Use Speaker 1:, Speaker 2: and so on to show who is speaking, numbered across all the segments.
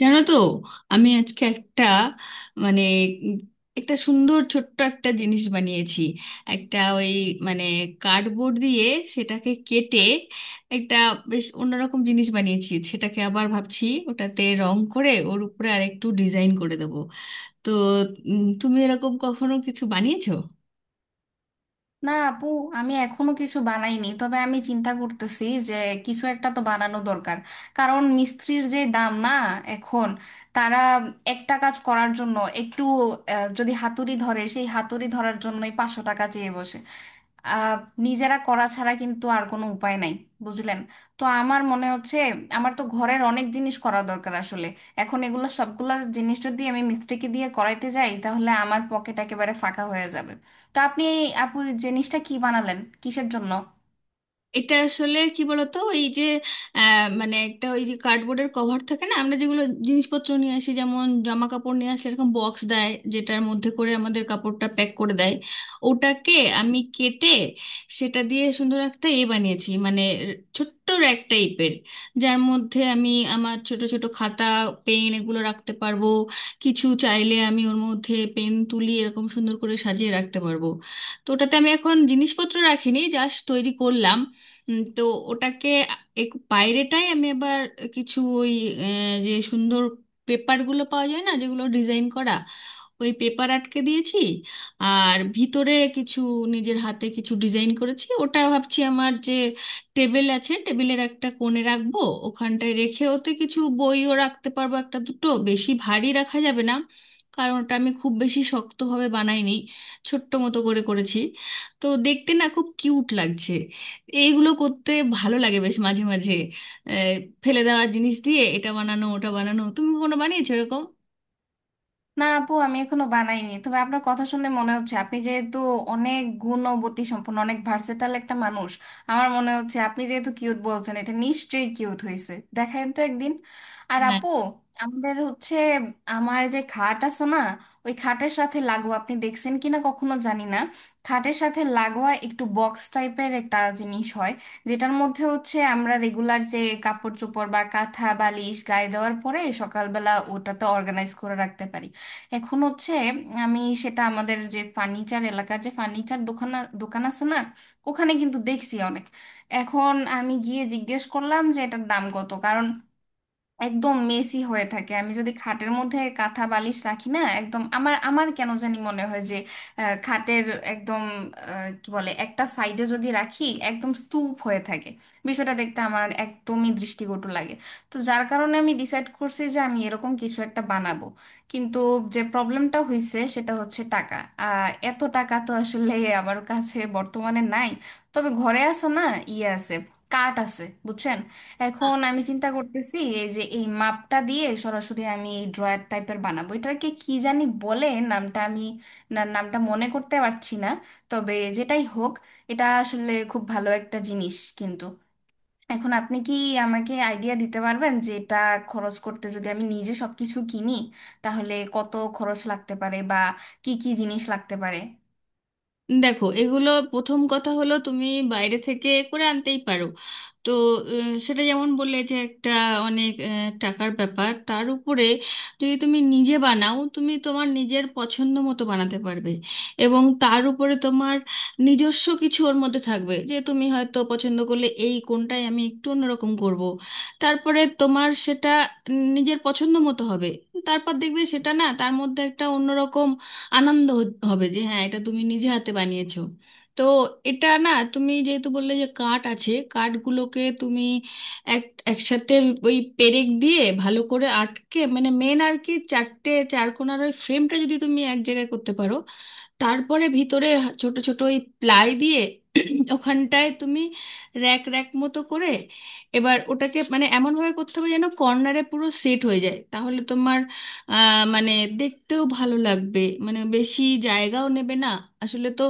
Speaker 1: জানো তো? আমি আজকে একটা মানে উম একটা সুন্দর ছোট্ট একটা জিনিস বানিয়েছি। একটা ওই মানে কার্ডবোর্ড দিয়ে সেটাকে কেটে একটা বেশ অন্যরকম জিনিস বানিয়েছি। সেটাকে আবার ভাবছি ওটাতে রং করে ওর উপরে আরেকটু ডিজাইন করে দেবো। তো তুমি এরকম কখনো কিছু বানিয়েছো?
Speaker 2: না আপু, আমি এখনো কিছু বানাইনি। তবে আমি চিন্তা করতেছি যে কিছু একটা তো বানানো দরকার। কারণ মিস্ত্রির যে দাম না, এখন তারা একটা কাজ করার জন্য একটু যদি হাতুড়ি ধরে, সেই হাতুড়ি ধরার জন্যই 500 টাকা চেয়ে বসে। আহ, নিজেরা করা ছাড়া কিন্তু আর কোনো উপায় নাই, বুঝলেন। তো আমার মনে হচ্ছে আমার তো ঘরের অনেক জিনিস করা দরকার আসলে। এখন এগুলো সবগুলা জিনিস যদি আমি মিস্ত্রিকে দিয়ে করাইতে যাই তাহলে আমার পকেট একেবারে ফাঁকা হয়ে যাবে। তো আপনি এই আপু, এই জিনিসটা কি বানালেন, কিসের জন্য?
Speaker 1: এটা আসলে কি বলতো, এই যে মানে একটা ওই যে কার্ডবোর্ডের কভার থাকে না, আমরা যেগুলো জিনিসপত্র নিয়ে আসি, যেমন জামা কাপড় নিয়ে আসলে এরকম বক্স দেয় যেটার মধ্যে করে আমাদের কাপড়টা প্যাক করে দেয়। ওটাকে আমি কেটে সেটা দিয়ে সুন্দর একটা এ বানিয়েছি, মানে ছোট্ট র্যাক টাইপের, যার মধ্যে আমি আমার ছোট ছোট খাতা, পেন এগুলো রাখতে পারবো। কিছু চাইলে আমি ওর মধ্যে পেন, তুলি এরকম সুন্দর করে সাজিয়ে রাখতে পারবো। তো ওটাতে আমি এখন জিনিসপত্র রাখিনি, জাস্ট তৈরি করলাম। তো ওটাকে এক বাইরেটাই আমি আবার কিছু ওই যে সুন্দর পেপারগুলো পাওয়া যায় না, যেগুলো ডিজাইন করা, ওই পেপার আটকে দিয়েছি। আর ভিতরে কিছু নিজের হাতে কিছু ডিজাইন করেছি। ওটা ভাবছি আমার যে টেবিল আছে, টেবিলের একটা কোণে রাখবো। ওখানটায় রেখে ওতে কিছু বইও রাখতে পারবো, একটা দুটো, বেশি ভারী রাখা যাবে না, কারণ ওটা আমি খুব বেশি শক্তভাবে বানাইনি, ছোট্ট মতো করে করেছি। তো দেখতে না খুব কিউট লাগছে। এইগুলো করতে ভালো লাগে বেশ মাঝে মাঝে। আহ, ফেলে দেওয়া জিনিস দিয়ে এটা বানানো ওটা বানানো, তুমি কোনো বানিয়েছো এরকম?
Speaker 2: না আপু, আমি এখনো বানাইনি। তবে আপনার কথা শুনে মনে হচ্ছে আপনি যেহেতু অনেক গুণবতী সম্পন্ন, অনেক ভার্সেটাল একটা মানুষ, আমার মনে হচ্ছে আপনি যেহেতু কিউট বলছেন, এটা নিশ্চয়ই কিউট হয়েছে। দেখেন তো একদিন। আর
Speaker 1: হ্যাঁ,
Speaker 2: আপু, আমাদের হচ্ছে, আমার যে খাট আছে না, ওই খাটের সাথে লাগোয়া আপনি দেখছেন কিনা কখনো জানি না, খাটের সাথে লাগোয়া একটু বক্স টাইপের একটা জিনিস হয়, যেটার মধ্যে হচ্ছে আমরা রেগুলার যে কাপড় চোপড় বা কাঁথা বালিশ গায়ে দেওয়ার পরে সকালবেলা ওটাতে অর্গানাইজ করে রাখতে পারি। এখন হচ্ছে, আমি সেটা আমাদের যে ফার্নিচার এলাকার যে ফার্নিচার দোকান দোকান আছে না, ওখানে কিন্তু দেখছি অনেক। এখন আমি গিয়ে জিজ্ঞেস করলাম যে এটার দাম কত, কারণ একদম মেসি হয়ে থাকে। আমি যদি খাটের মধ্যে কাঁথা বালিশ রাখি না, একদম আমার আমার কেন জানি মনে হয় যে খাটের একদম কি বলে, একটা সাইডে যদি রাখি একদম স্তূপ হয়ে থাকে। বিষয়টা দেখতে আমার একদমই দৃষ্টিকটু লাগে। তো যার কারণে আমি ডিসাইড করছি যে আমি এরকম কিছু একটা বানাবো। কিন্তু যে প্রবলেমটা হয়েছে সেটা হচ্ছে টাকা। এত টাকা তো আসলে আমার কাছে বর্তমানে নাই। তবে ঘরে আছে না, ইয়ে আছে, কাঠ আছে, বুঝছেন। এখন আমি চিন্তা করতেছি এই যে এই মাপটা দিয়ে সরাসরি আমি এই ড্রয়ার টাইপের বানাবো, এটাকে কি জানি বলে, নামটা আমি, না নামটা মনে করতে পারছি না। তবে যেটাই হোক, এটা আসলে খুব ভালো একটা জিনিস। কিন্তু এখন আপনি কি আমাকে আইডিয়া দিতে পারবেন যে এটা খরচ করতে যদি আমি নিজে সবকিছু কিনি তাহলে কত খরচ লাগতে পারে বা কি কি জিনিস লাগতে পারে?
Speaker 1: দেখো এগুলো, প্রথম কথা হলো তুমি বাইরে থেকে করে আনতেই পারো। তো সেটা যেমন বললে যে একটা অনেক টাকার ব্যাপার, তার উপরে যদি তুমি নিজে বানাও, তুমি তোমার নিজের পছন্দ মতো বানাতে পারবে। এবং তার উপরে তোমার নিজস্ব কিছু ওর মধ্যে থাকবে, যে তুমি হয়তো পছন্দ করলে এই কোনটাই আমি একটু অন্যরকম করব। তারপরে তোমার সেটা নিজের পছন্দ মতো হবে। তারপর দেখবে সেটা না তার মধ্যে একটা অন্যরকম আনন্দ হবে, যে হ্যাঁ এটা তুমি নিজে হাতে বানিয়েছো। তো এটা না, তুমি যেহেতু বললে যে কাঠ আছে, কাঠগুলোকে তুমি এক একসাথে ওই পেরেক দিয়ে ভালো করে আটকে, মানে মেন আর কি চারটে চারকোনার ওই ফ্রেমটা যদি তুমি এক জায়গায় করতে পারো, তারপরে ভিতরে ছোট ছোট ওই প্লাই দিয়ে ওখানটায় তুমি র্যাক র্যাক মতো করে, এবার ওটাকে মানে এমন ভাবে করতে হবে যেন কর্নারে পুরো সেট হয়ে যায়, তাহলে মানে দেখতেও ভালো লাগবে, মানে বেশি জায়গাও নেবে না। আসলে তো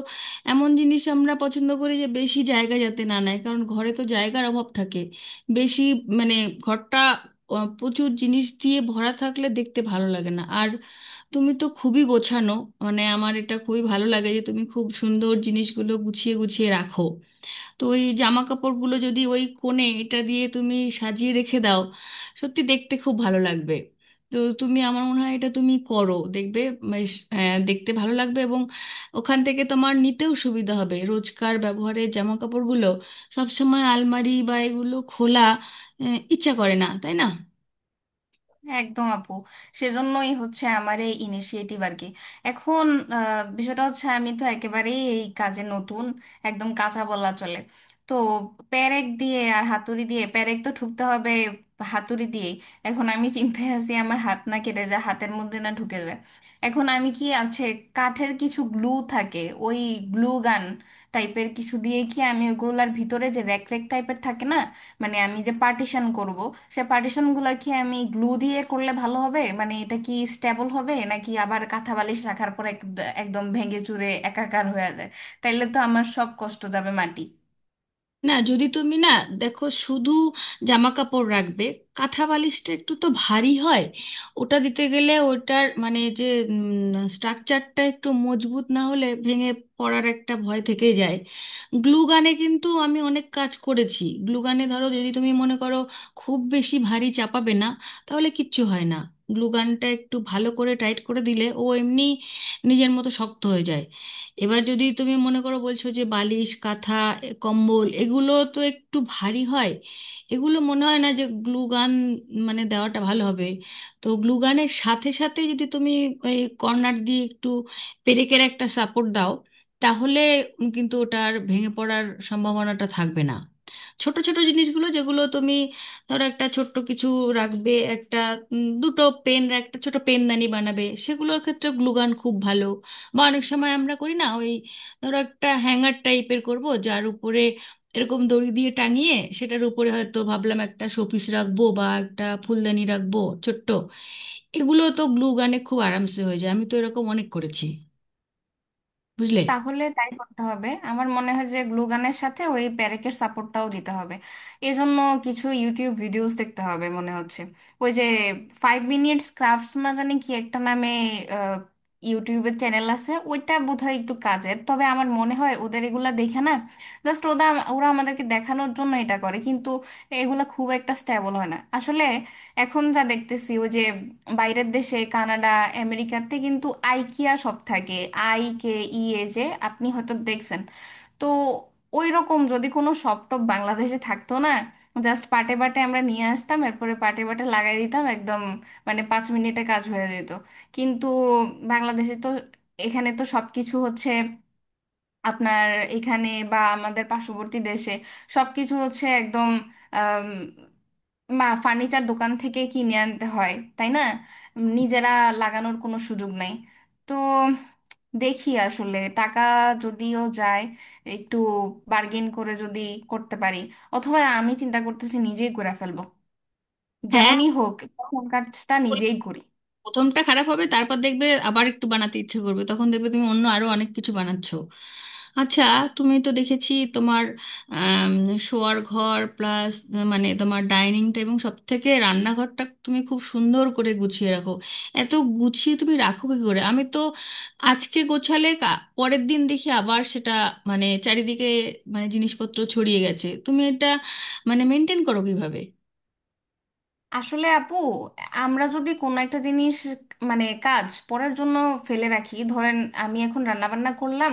Speaker 1: এমন জিনিস আমরা পছন্দ করি যে বেশি জায়গা যাতে না নেয়, কারণ ঘরে তো জায়গার অভাব থাকে। বেশি মানে ঘরটা প্রচুর জিনিস দিয়ে ভরা থাকলে দেখতে ভালো লাগে না আর। তুমি তো খুবই গোছানো, মানে আমার এটা খুবই ভালো লাগে যে তুমি খুব সুন্দর জিনিসগুলো গুছিয়ে গুছিয়ে রাখো। তো ওই জামা কাপড়গুলো যদি ওই কোণে এটা দিয়ে তুমি সাজিয়ে রেখে দাও, সত্যি দেখতে খুব ভালো লাগবে। তো তুমি আমার মনে হয় এটা তুমি করো, দেখবে বেশ, দেখতে ভালো লাগবে, এবং ওখান থেকে তোমার নিতেও সুবিধা হবে রোজকার ব্যবহারের জামা কাপড়গুলো। সব সময় আলমারি বা এগুলো খোলা ইচ্ছা করে না, তাই না?
Speaker 2: একদম আপু। সেজন্যই হচ্ছে আমার এই ইনিশিয়েটিভ আর কি। এখন বিষয়টা হচ্ছে আমি তো একেবারেই এই কাজে নতুন, একদম কাঁচা বলা চলে। তো পেরেক দিয়ে আর হাতুড়ি দিয়ে পেরেক তো ঠুকতে হবে, হাতুড়ি দিয়ে। এখন আমি চিন্তায় আছি আমার হাত না কেটে যায়, হাতের মধ্যে না ঢুকে যায়। এখন আমি কি আছে, কাঠের কিছু গ্লু থাকে, ওই গ্লু গান টাইপের কিছু দিয়ে কি আমি ওগুলার ভিতরে যে র্যাক র্যাক টাইপের থাকে না, মানে আমি যে পার্টিশন করব, সে পার্টিশন গুলা কি আমি গ্লু দিয়ে করলে ভালো হবে? মানে এটা কি স্টেবল হবে নাকি আবার কাঁথা বালিশ রাখার পর একদম ভেঙে চুরে একাকার হয়ে যায়? তাইলে তো আমার সব কষ্ট যাবে মাটি।
Speaker 1: না যদি তুমি না, দেখো শুধু জামা কাপড় রাখবে, কাঁথা বালিশটা একটু তো ভারী হয়। ওটা দিতে গেলে ওটার মানে যে স্ট্রাকচারটা একটু মজবুত না হলে ভেঙে পড়ার একটা ভয় থেকে যায়। গ্লু গানে কিন্তু আমি অনেক কাজ করেছি। গ্লু গানে ধরো, যদি তুমি মনে করো খুব বেশি ভারী চাপাবে না, তাহলে কিচ্ছু হয় না। গ্লু গানটা একটু ভালো করে টাইট করে দিলে ও এমনি নিজের মতো শক্ত হয়ে যায়। এবার যদি তুমি মনে করো, বলছো যে বালিশ, কাঁথা, এ, কম্বল, এগুলো তো একটু ভারী হয়, এগুলো মনে হয় না যে গ্লুগান মানে দেওয়াটা ভালো হবে। তো গ্লুগানের সাথে সাথে যদি তুমি ওই কর্নার দিয়ে একটু পেরেকের একটা সাপোর্ট দাও, তাহলে কিন্তু ওটার ভেঙে পড়ার সম্ভাবনাটা থাকবে না। ছোট ছোট জিনিসগুলো যেগুলো তুমি ধরো একটা ছোট্ট কিছু রাখবে, একটা দুটো পেন, একটা ছোট পেনদানি বানাবে, সেগুলোর ক্ষেত্রে গ্লুগান খুব ভালো। বা অনেক সময় আমরা করি না ওই, ধরো একটা হ্যাঙ্গার টাইপের করব যার উপরে এরকম দড়ি দিয়ে টাঙিয়ে সেটার উপরে হয়তো ভাবলাম একটা শোপিস রাখবো বা একটা ফুলদানি রাখবো ছোট্ট, এগুলো তো গ্লু গানে খুব আরামসে হয়ে যায়। আমি তো এরকম অনেক করেছি, বুঝলে?
Speaker 2: তাহলে তাই করতে হবে আমার মনে হয়, যে গ্লুগানের সাথে ওই প্যারেকের সাপোর্টটাও দিতে হবে। এজন্য কিছু ইউটিউব ভিডিওস দেখতে হবে মনে হচ্ছে। ওই যে ফাইভ মিনিটস ক্রাফটস না জানি কি একটা নামে আহ, ইউটিউবের চ্যানেল আছে, ওইটা বোধহয় একটু কাজের। তবে আমার মনে হয় ওদের এগুলা দেখে না, জাস্ট ওরা ওরা আমাদেরকে দেখানোর জন্য এটা করে, কিন্তু এগুলা খুব একটা স্টেবল হয় না আসলে। এখন যা দেখতেছি ওই যে বাইরের দেশে কানাডা আমেরিকাতে কিন্তু আইকিয়া সব থাকে, IKEA, যে আপনি হয়তো দেখছেন। তো ওই রকম যদি কোনো শপ টপ বাংলাদেশে থাকতো না, জাস্ট পাটে পাটে আমরা নিয়ে আসতাম, এরপরে পাটে পাটে লাগাই দিতাম একদম, মানে 5 মিনিটে কাজ হয়ে যেত। কিন্তু বাংলাদেশে তো, এখানে তো সবকিছু হচ্ছে আপনার, এখানে বা আমাদের পার্শ্ববর্তী দেশে সবকিছু হচ্ছে একদম, বা ফার্নিচার দোকান থেকে কিনে আনতে হয়, তাই না? নিজেরা লাগানোর কোনো সুযোগ নেই। তো দেখি আসলে টাকা যদিও যায়, একটু বার্গেন করে যদি করতে পারি, অথবা আমি চিন্তা করতেছি নিজেই করে ফেলবো।
Speaker 1: হ্যাঁ,
Speaker 2: যেমনই হোক, প্রথম কাজটা নিজেই করি।
Speaker 1: প্রথমটা খারাপ হবে, তারপর দেখবে আবার একটু বানাতে ইচ্ছে করবে, তখন দেখবে তুমি অন্য আরো অনেক কিছু বানাচ্ছো। আচ্ছা, তুমি তো দেখেছি তোমার আম, শোয়ার ঘর প্লাস মানে তোমার ডাইনিংটা এবং সব থেকে রান্নাঘরটা তুমি খুব সুন্দর করে গুছিয়ে রাখো। এত গুছিয়ে তুমি রাখো কি করে? আমি তো আজকে গোছালে পরের দিন দেখি আবার সেটা মানে চারিদিকে মানে জিনিসপত্র ছড়িয়ে গেছে। তুমি এটা মানে মেনটেন করো কিভাবে?
Speaker 2: আসলে আপু, আমরা যদি কোনো একটা জিনিস, মানে কাজ পড়ার জন্য ফেলে রাখি ধরেন, আমি এখন রান্না বান্না করলাম,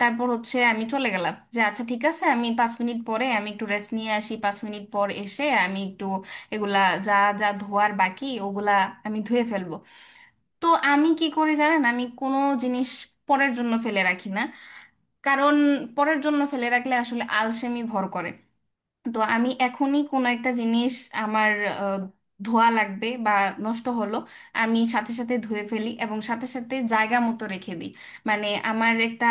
Speaker 2: তারপর হচ্ছে আমি চলে গেলাম যে আচ্ছা ঠিক আছে আমি 5 মিনিট পরে আমি একটু রেস্ট নিয়ে আসি, 5 মিনিট পর এসে আমি একটু এগুলা, যা যা ধোয়ার বাকি ওগুলা আমি ধুয়ে ফেলবো। তো আমি কি করি জানেন, আমি কোনো জিনিস পরের জন্য ফেলে রাখি না। কারণ পরের জন্য ফেলে রাখলে আসলে আলসেমি ভর করে। তো আমি এখনই কোনো একটা জিনিস আমার আহ, ধোয়া লাগবে বা নষ্ট হলো, আমি সাথে সাথে ধুয়ে ফেলি এবং সাথে সাথে জায়গা মতো রেখে দিই। মানে আমার একটা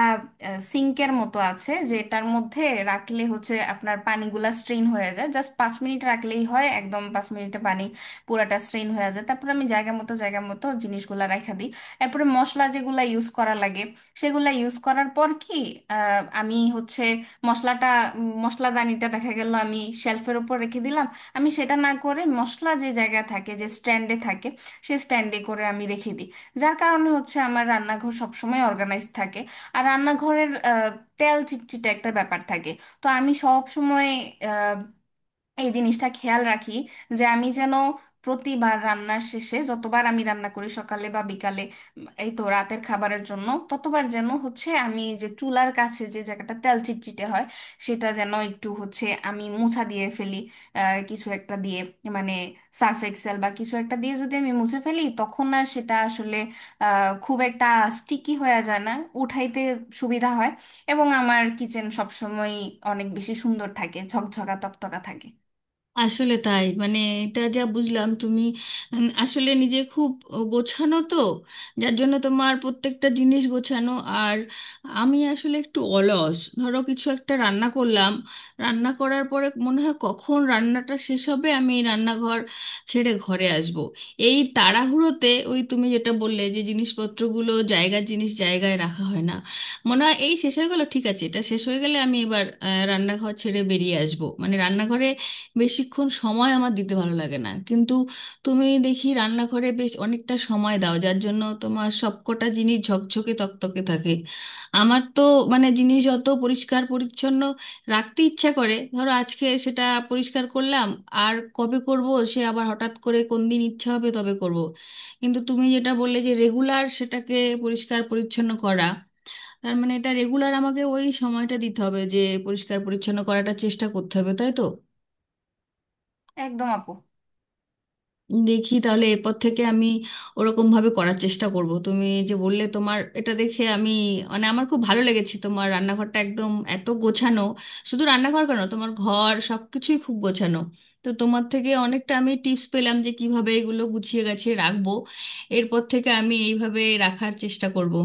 Speaker 2: সিঙ্কের মতো আছে যেটার মধ্যে রাখলে হচ্ছে আপনার পানিগুলা স্ট্রেন হয়ে যায়, জাস্ট 5 মিনিট রাখলেই হয়, একদম 5 মিনিটে পানি পুরাটা স্ট্রেন হয়ে যায়। তারপর আমি জায়গা মতো জিনিসগুলা রেখে দিই। এরপরে মশলা যেগুলা ইউজ করা লাগে সেগুলা ইউজ করার পর কি আমি হচ্ছে মশলাটা, মশলাদানিটা দেখা গেল আমি শেলফের উপর রেখে দিলাম। আমি সেটা না করে মশলা যে জায়গায় থাকে, যে স্ট্যান্ডে থাকে সেই স্ট্যান্ডে করে আমি রেখে দিই। যার কারণে হচ্ছে আমার রান্নাঘর সবসময় অর্গানাইজ থাকে। আর রান্নাঘরের তেল চিটচিটে একটা ব্যাপার থাকে। তো আমি সব সময় এই জিনিসটা খেয়াল রাখি যে আমি যেন প্রতিবার রান্নার শেষে যতবার আমি রান্না করি সকালে বা বিকালে, এই তো রাতের খাবারের জন্য, ততবার যেন হচ্ছে আমি যে চুলার কাছে যে জায়গাটা তেল চিটচিটে হয়, সেটা যেন একটু হচ্ছে আমি মোছা দিয়ে ফেলি। কিছু একটা দিয়ে, মানে সার্ফ এক্সেল বা কিছু একটা দিয়ে যদি আমি মুছে ফেলি তখন আর সেটা আসলে খুব একটা স্টিকি হয়ে যায় না, উঠাইতে সুবিধা হয়। এবং আমার কিচেন সবসময় অনেক বেশি সুন্দর থাকে, ঝকঝকা তকতকা থাকে।
Speaker 1: আসলে তাই, মানে এটা যা বুঝলাম তুমি আসলে নিজে খুব গোছানো তো, যার জন্য তোমার প্রত্যেকটা জিনিস গোছানো। আর আমি আসলে একটু অলস। ধরো কিছু একটা রান্না করলাম, রান্না করার পরে মনে হয় কখন রান্নাটা শেষ হবে আমি এই রান্নাঘর ছেড়ে ঘরে আসব। এই তাড়াহুড়োতে ওই তুমি যেটা বললে যে জিনিসপত্রগুলো জায়গার জিনিস জায়গায় রাখা হয় না। মনে হয় এই শেষ হয়ে গেল, ঠিক আছে এটা শেষ হয়ে গেলে আমি এবার রান্নাঘর ছেড়ে বেরিয়ে আসব, মানে রান্নাঘরে বেশিক্ষণ সময় আমার দিতে ভালো লাগে না। কিন্তু তুমি দেখি রান্নাঘরে বেশ অনেকটা সময় দাও, যার জন্য তোমার সবকটা জিনিস ঝকঝকে তকতকে থাকে। আমার তো মানে জিনিস যত পরিষ্কার পরিচ্ছন্ন রাখতে ইচ্ছা করে, ধরো আজকে সেটা পরিষ্কার করলাম, আর কবে করব সে আবার হঠাৎ করে কোন দিন ইচ্ছা হবে তবে করব। কিন্তু তুমি যেটা বললে যে রেগুলার সেটাকে পরিষ্কার পরিচ্ছন্ন করা, তার মানে এটা রেগুলার আমাকে ওই সময়টা দিতে হবে যে পরিষ্কার পরিচ্ছন্ন করাটা চেষ্টা করতে হবে, তাই তো?
Speaker 2: একদম আপু।
Speaker 1: দেখি তাহলে এরপর থেকে আমি ওরকম ভাবে করার চেষ্টা করব। তুমি যে বললে, তোমার এটা দেখে আমি মানে আমার খুব ভালো লেগেছে, তোমার রান্নাঘরটা একদম এত গোছানো। শুধু রান্নাঘর কেন, তোমার ঘর সব কিছুই খুব গোছানো। তো তোমার থেকে অনেকটা আমি টিপস পেলাম যে কিভাবে এগুলো গুছিয়ে গাছিয়ে রাখবো। এরপর থেকে আমি এইভাবে রাখার চেষ্টা করব।